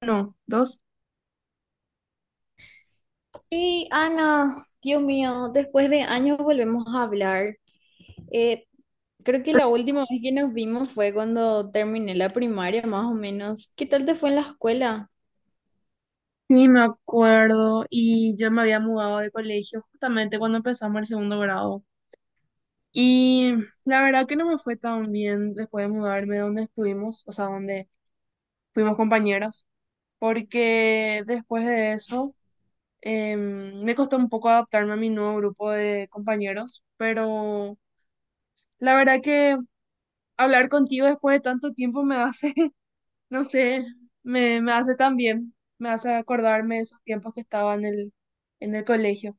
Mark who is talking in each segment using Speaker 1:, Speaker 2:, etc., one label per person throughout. Speaker 1: No, dos.
Speaker 2: Sí, Ana, Dios mío, después de años volvemos a hablar. Eh, Creo que la última vez que nos vimos fue cuando terminé la primaria, más o menos. ¿Qué tal te fue en la escuela?
Speaker 1: Sí, me acuerdo. Y yo me había mudado de colegio justamente cuando empezamos el segundo grado. Y la verdad que no me fue tan bien después de mudarme de donde estuvimos, o sea, donde fuimos compañeras, porque después de eso me costó un poco adaptarme a mi nuevo grupo de compañeros, pero la verdad que hablar contigo después de tanto tiempo me hace No sé, me hace tan bien, me hace acordarme de esos tiempos que estaba en el colegio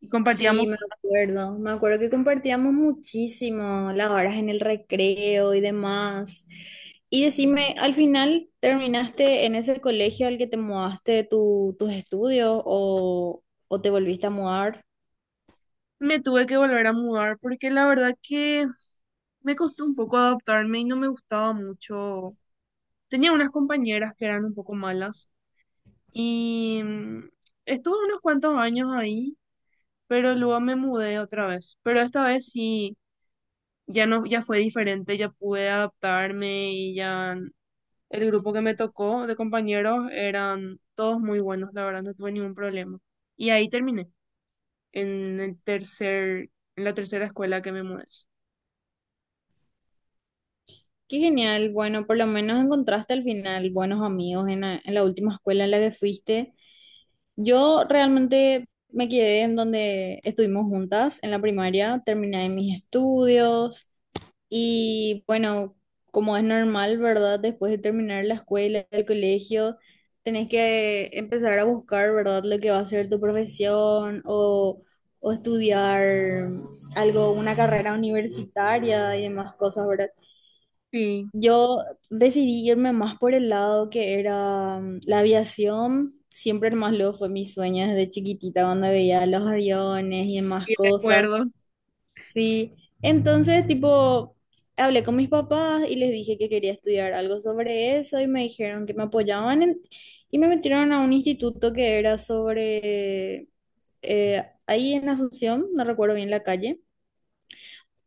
Speaker 1: y compartíamos.
Speaker 2: Sí, me acuerdo. Me acuerdo que compartíamos muchísimo las horas en el recreo y demás. Y decime, ¿al final terminaste en ese colegio al que te mudaste tus estudios o te volviste a mudar?
Speaker 1: Me tuve que volver a mudar porque la verdad que me costó un poco adaptarme y no me gustaba mucho. Tenía unas compañeras que eran un poco malas y estuve unos cuantos años ahí, pero luego me mudé otra vez. Pero esta vez sí, ya no, ya fue diferente, ya pude adaptarme y ya. El grupo que me tocó de compañeros eran todos muy buenos, la verdad, no tuve ningún problema. Y ahí terminé, en el tercer, en la tercera escuela que me mudé.
Speaker 2: Qué genial, bueno, por lo menos encontraste al final buenos amigos en en la última escuela en la que fuiste. Yo realmente me quedé en donde estuvimos juntas en la primaria, terminé mis estudios y bueno, como es normal, ¿verdad? Después de terminar la escuela, el colegio, tenés que empezar a buscar, ¿verdad? Lo que va a ser tu profesión o estudiar algo, una carrera universitaria y demás cosas, ¿verdad?
Speaker 1: Sí,
Speaker 2: Yo decidí irme más por el lado que era la aviación. Siempre más luego fue mi sueño desde chiquitita cuando veía los aviones y demás
Speaker 1: y
Speaker 2: cosas.
Speaker 1: recuerdo.
Speaker 2: Sí. Entonces, tipo, hablé con mis papás y les dije que quería estudiar algo sobre eso y me dijeron que me y me metieron a un instituto que era sobre ahí en Asunción, no recuerdo bien la calle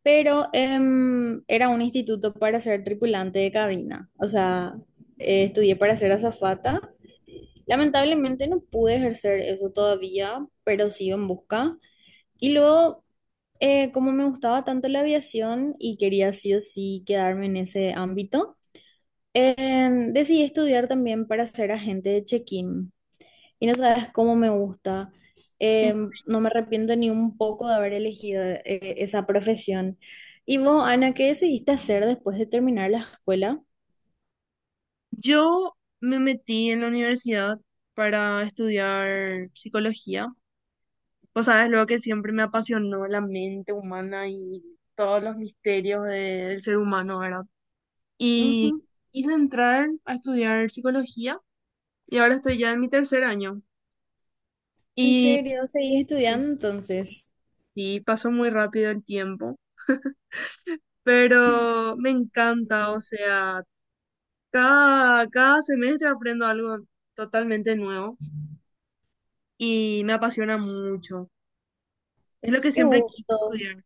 Speaker 2: pero era un instituto para ser tripulante de cabina. O sea, estudié para ser azafata. Lamentablemente no pude ejercer eso todavía, pero sigo en busca. Y luego, como me gustaba tanto la aviación y quería sí o sí quedarme en ese ámbito, decidí estudiar también para ser agente de check-in. Y no sabes cómo me gusta.
Speaker 1: En
Speaker 2: Eh,
Speaker 1: sí.
Speaker 2: no me arrepiento ni un poco de haber elegido esa profesión. ¿Y vos, Ana, qué decidiste hacer después de terminar la escuela?
Speaker 1: Yo me metí en la universidad para estudiar psicología. Vos sabes, lo que siempre me apasionó la mente humana y todos los misterios del ser humano, ¿verdad? Y
Speaker 2: Ujú.
Speaker 1: quise entrar a estudiar psicología y ahora estoy ya en mi tercer año.
Speaker 2: ¿En
Speaker 1: Y
Speaker 2: serio? ¿Seguís
Speaker 1: Y
Speaker 2: estudiando entonces?
Speaker 1: sí, pasó muy rápido el tiempo, pero me encanta, o
Speaker 2: Sí.
Speaker 1: sea, cada semestre aprendo algo totalmente nuevo y me apasiona mucho. Es lo que
Speaker 2: Qué
Speaker 1: siempre quise
Speaker 2: gusto,
Speaker 1: estudiar,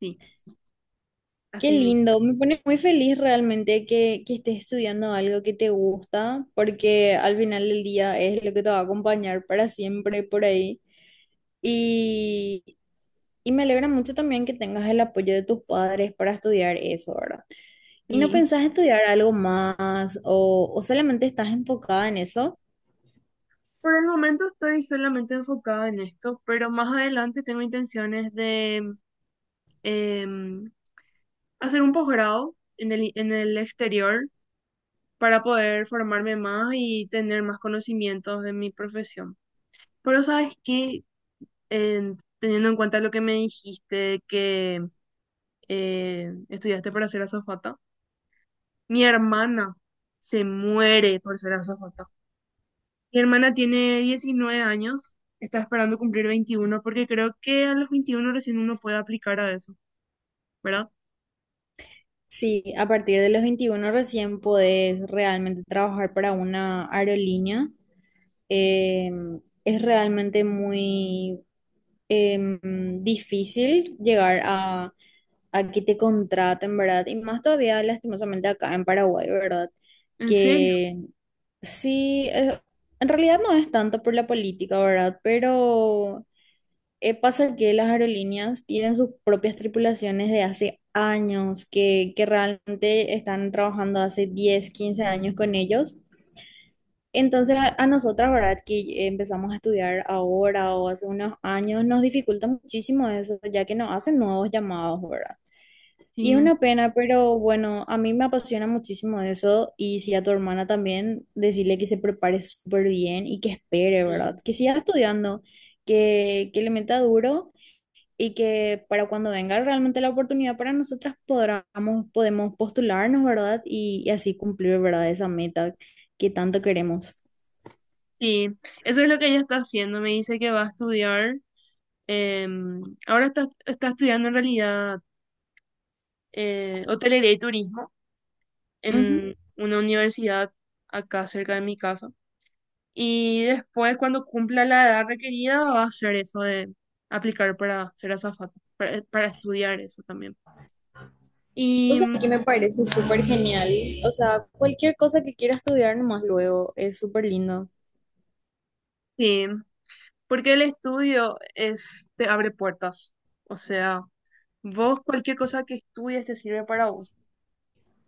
Speaker 1: sí,
Speaker 2: qué
Speaker 1: así mismo.
Speaker 2: lindo. Me pone muy feliz realmente que estés estudiando algo que te gusta, porque al final del día es lo que te va a acompañar para siempre por ahí. y Y me alegra mucho también que tengas el apoyo de tus padres para estudiar eso, ¿verdad? ¿Y no
Speaker 1: Sí.
Speaker 2: pensás estudiar algo más o solamente estás enfocada en eso?
Speaker 1: Por el momento estoy solamente enfocada en esto, pero más adelante tengo intenciones de em, hacer un posgrado en el exterior para poder formarme más y tener más conocimientos de mi profesión. Pero sabes que teniendo en cuenta lo que me dijiste, que estudiaste para ser azafata, mi hermana se muere por ser azafata. Mi hermana tiene 19 años, está esperando cumplir 21 porque creo que a los 21 recién uno puede aplicar a eso, ¿verdad?
Speaker 2: Sí, a partir de los 21 recién podés realmente trabajar para una aerolínea. Eh, es realmente muy difícil llegar a que te contraten, ¿verdad? Y más todavía, lastimosamente, acá en Paraguay, ¿verdad?
Speaker 1: ¿En serio?
Speaker 2: Que Sí, en realidad no es tanto por la política, ¿verdad? Pero pasa que las aerolíneas tienen sus propias tripulaciones de hace años, que realmente están trabajando hace 10, 15 años con ellos. Entonces a nosotras, ¿verdad? Que empezamos a estudiar ahora o hace unos años, nos dificulta muchísimo eso, ya que no hacen nuevos llamados, ¿verdad? Y
Speaker 1: Sí,
Speaker 2: es una
Speaker 1: sí.
Speaker 2: pena, pero bueno, a mí me apasiona muchísimo eso y si a tu hermana también, decirle que se prepare súper bien y que espere, ¿verdad?
Speaker 1: Sí,
Speaker 2: Que siga estudiando, que le meta duro y que para cuando venga realmente la oportunidad para nosotras podemos postularnos, ¿verdad? Y así cumplir, ¿verdad? Esa meta que tanto queremos.
Speaker 1: sí. Eso es lo que ella está haciendo. Me dice que va a estudiar. Ahora está estudiando en realidad hotelería y turismo
Speaker 2: Ujú.
Speaker 1: en una universidad acá cerca de mi casa. Y después, cuando cumpla la edad requerida, va a hacer eso de aplicar para ser azafata, para estudiar eso también.
Speaker 2: O
Speaker 1: Y
Speaker 2: sea,
Speaker 1: mm,
Speaker 2: aquí me parece súper genial. O sea, cualquier cosa que quiera estudiar nomás luego es súper lindo.
Speaker 1: sí, porque el estudio es, te abre puertas. O sea, vos cualquier cosa que estudies te sirve para vos.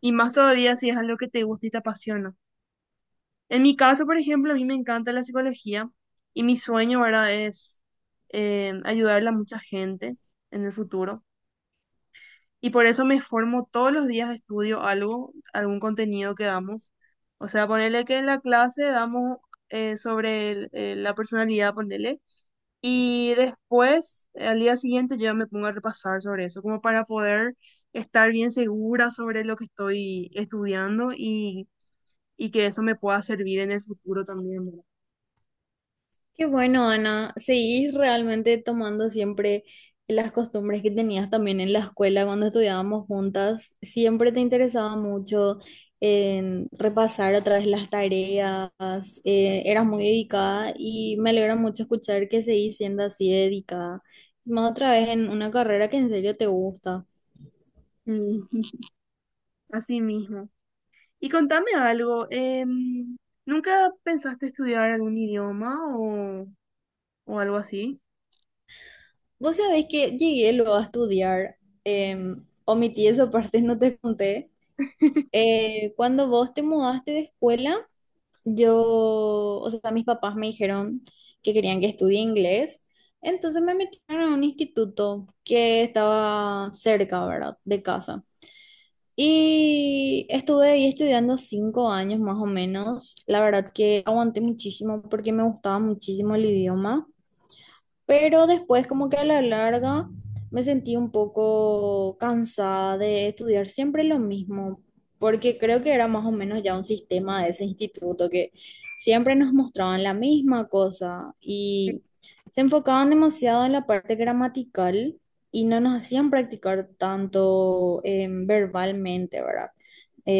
Speaker 1: Y más todavía si es algo que te gusta y te apasiona. En mi caso, por ejemplo, a mí me encanta la psicología y mi sueño, ¿verdad? Es ayudarle a mucha gente en el futuro. Y por eso me formo todos los días, estudio algo, algún contenido que damos. O sea, ponerle que en la clase damos sobre la personalidad, ponerle. Y después, al día siguiente, yo ya me pongo a repasar sobre eso, como para poder estar bien segura sobre lo que estoy estudiando y que eso me pueda servir en el futuro también, ¿verdad?
Speaker 2: Qué bueno, Ana. Seguís realmente tomando siempre las costumbres que tenías también en la escuela cuando estudiábamos juntas. Siempre te interesaba mucho en repasar otra vez las tareas. Eras muy dedicada y me alegra mucho escuchar que seguís siendo así de dedicada. Más otra vez en una carrera que en serio te gusta.
Speaker 1: Mm, Así mismo. Y contame algo, ¿nunca pensaste estudiar algún idioma o algo así?
Speaker 2: Vos sabés que llegué luego a estudiar. Omití esa parte, no te conté. Cuando vos te mudaste de escuela. Yo, o sea, mis papás me dijeron que querían que estudie inglés, entonces me metieron a un instituto que estaba cerca, ¿verdad?, de casa. Y estuve ahí estudiando 5 años más o menos. La verdad que aguanté muchísimo porque me gustaba muchísimo el idioma. Pero después, como que a la larga, me sentí un poco cansada de estudiar siempre lo mismo, porque creo que era más o menos ya un sistema de ese instituto que siempre nos mostraban la misma cosa y se enfocaban demasiado en la parte gramatical y no nos hacían practicar tanto verbalmente, ¿verdad?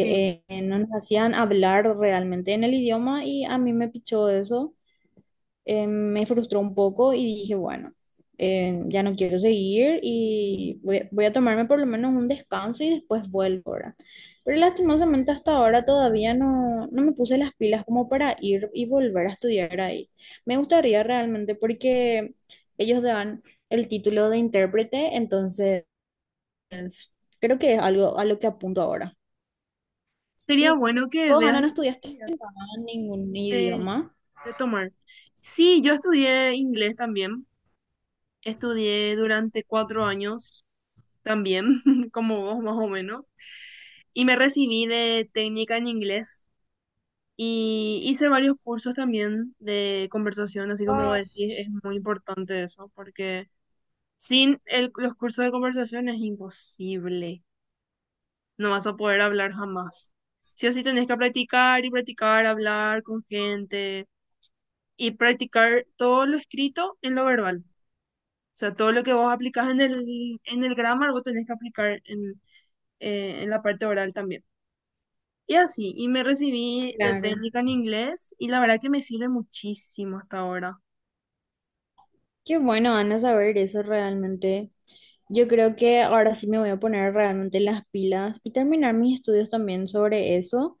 Speaker 1: Sí.
Speaker 2: eh, No nos hacían hablar realmente en el idioma y a mí me pichó eso me frustró un poco y dije, bueno, ya no quiero seguir y voy a tomarme por lo menos un descanso y después vuelvo ahora. Pero lastimosamente hasta ahora todavía no, no me puse las pilas como para ir y volver a estudiar ahí. Me gustaría realmente porque ellos dan el título de intérprete, entonces creo que es algo a lo que apunto ahora.
Speaker 1: Sería
Speaker 2: ¿Y
Speaker 1: bueno que
Speaker 2: vos,
Speaker 1: veas
Speaker 2: Ana, no
Speaker 1: la
Speaker 2: estudiaste
Speaker 1: posibilidad
Speaker 2: ningún
Speaker 1: de,
Speaker 2: idioma?
Speaker 1: de tomar. Sí, yo estudié inglés también. Estudié durante 4 años también, como vos más o menos. Y me recibí de técnica en inglés. Y hice varios cursos también de conversación, así como vos decís, es muy importante eso, porque sin los cursos de conversación es imposible. No vas a poder hablar jamás. Sí o sí tenés que practicar y practicar, hablar con gente y practicar todo lo escrito en lo verbal. O sea, todo lo que vos aplicás en el grammar, vos tenés que aplicar en la parte oral también. Y así, y me recibí de
Speaker 2: Claro.
Speaker 1: técnica en inglés y la verdad que me sirve muchísimo hasta ahora.
Speaker 2: Qué bueno, Ana, saber eso realmente. Yo creo que ahora sí me voy a poner realmente las pilas y terminar mis estudios también sobre eso.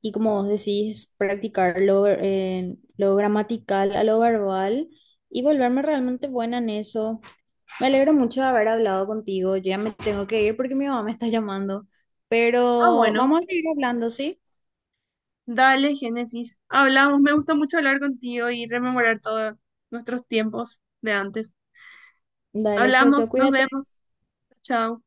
Speaker 2: Y como vos decís, practicar lo gramatical a lo verbal y volverme realmente buena en eso. Me alegro mucho de haber hablado contigo. Yo ya me tengo que ir porque mi mamá me está llamando.
Speaker 1: Ah,
Speaker 2: Pero
Speaker 1: bueno.
Speaker 2: vamos a seguir hablando, ¿sí?
Speaker 1: Dale, Génesis. Hablamos. Me gusta mucho hablar contigo y rememorar todos nuestros tiempos de antes.
Speaker 2: Dale, chao, chao,
Speaker 1: Hablamos, nos
Speaker 2: cuídate.
Speaker 1: vemos. Chao.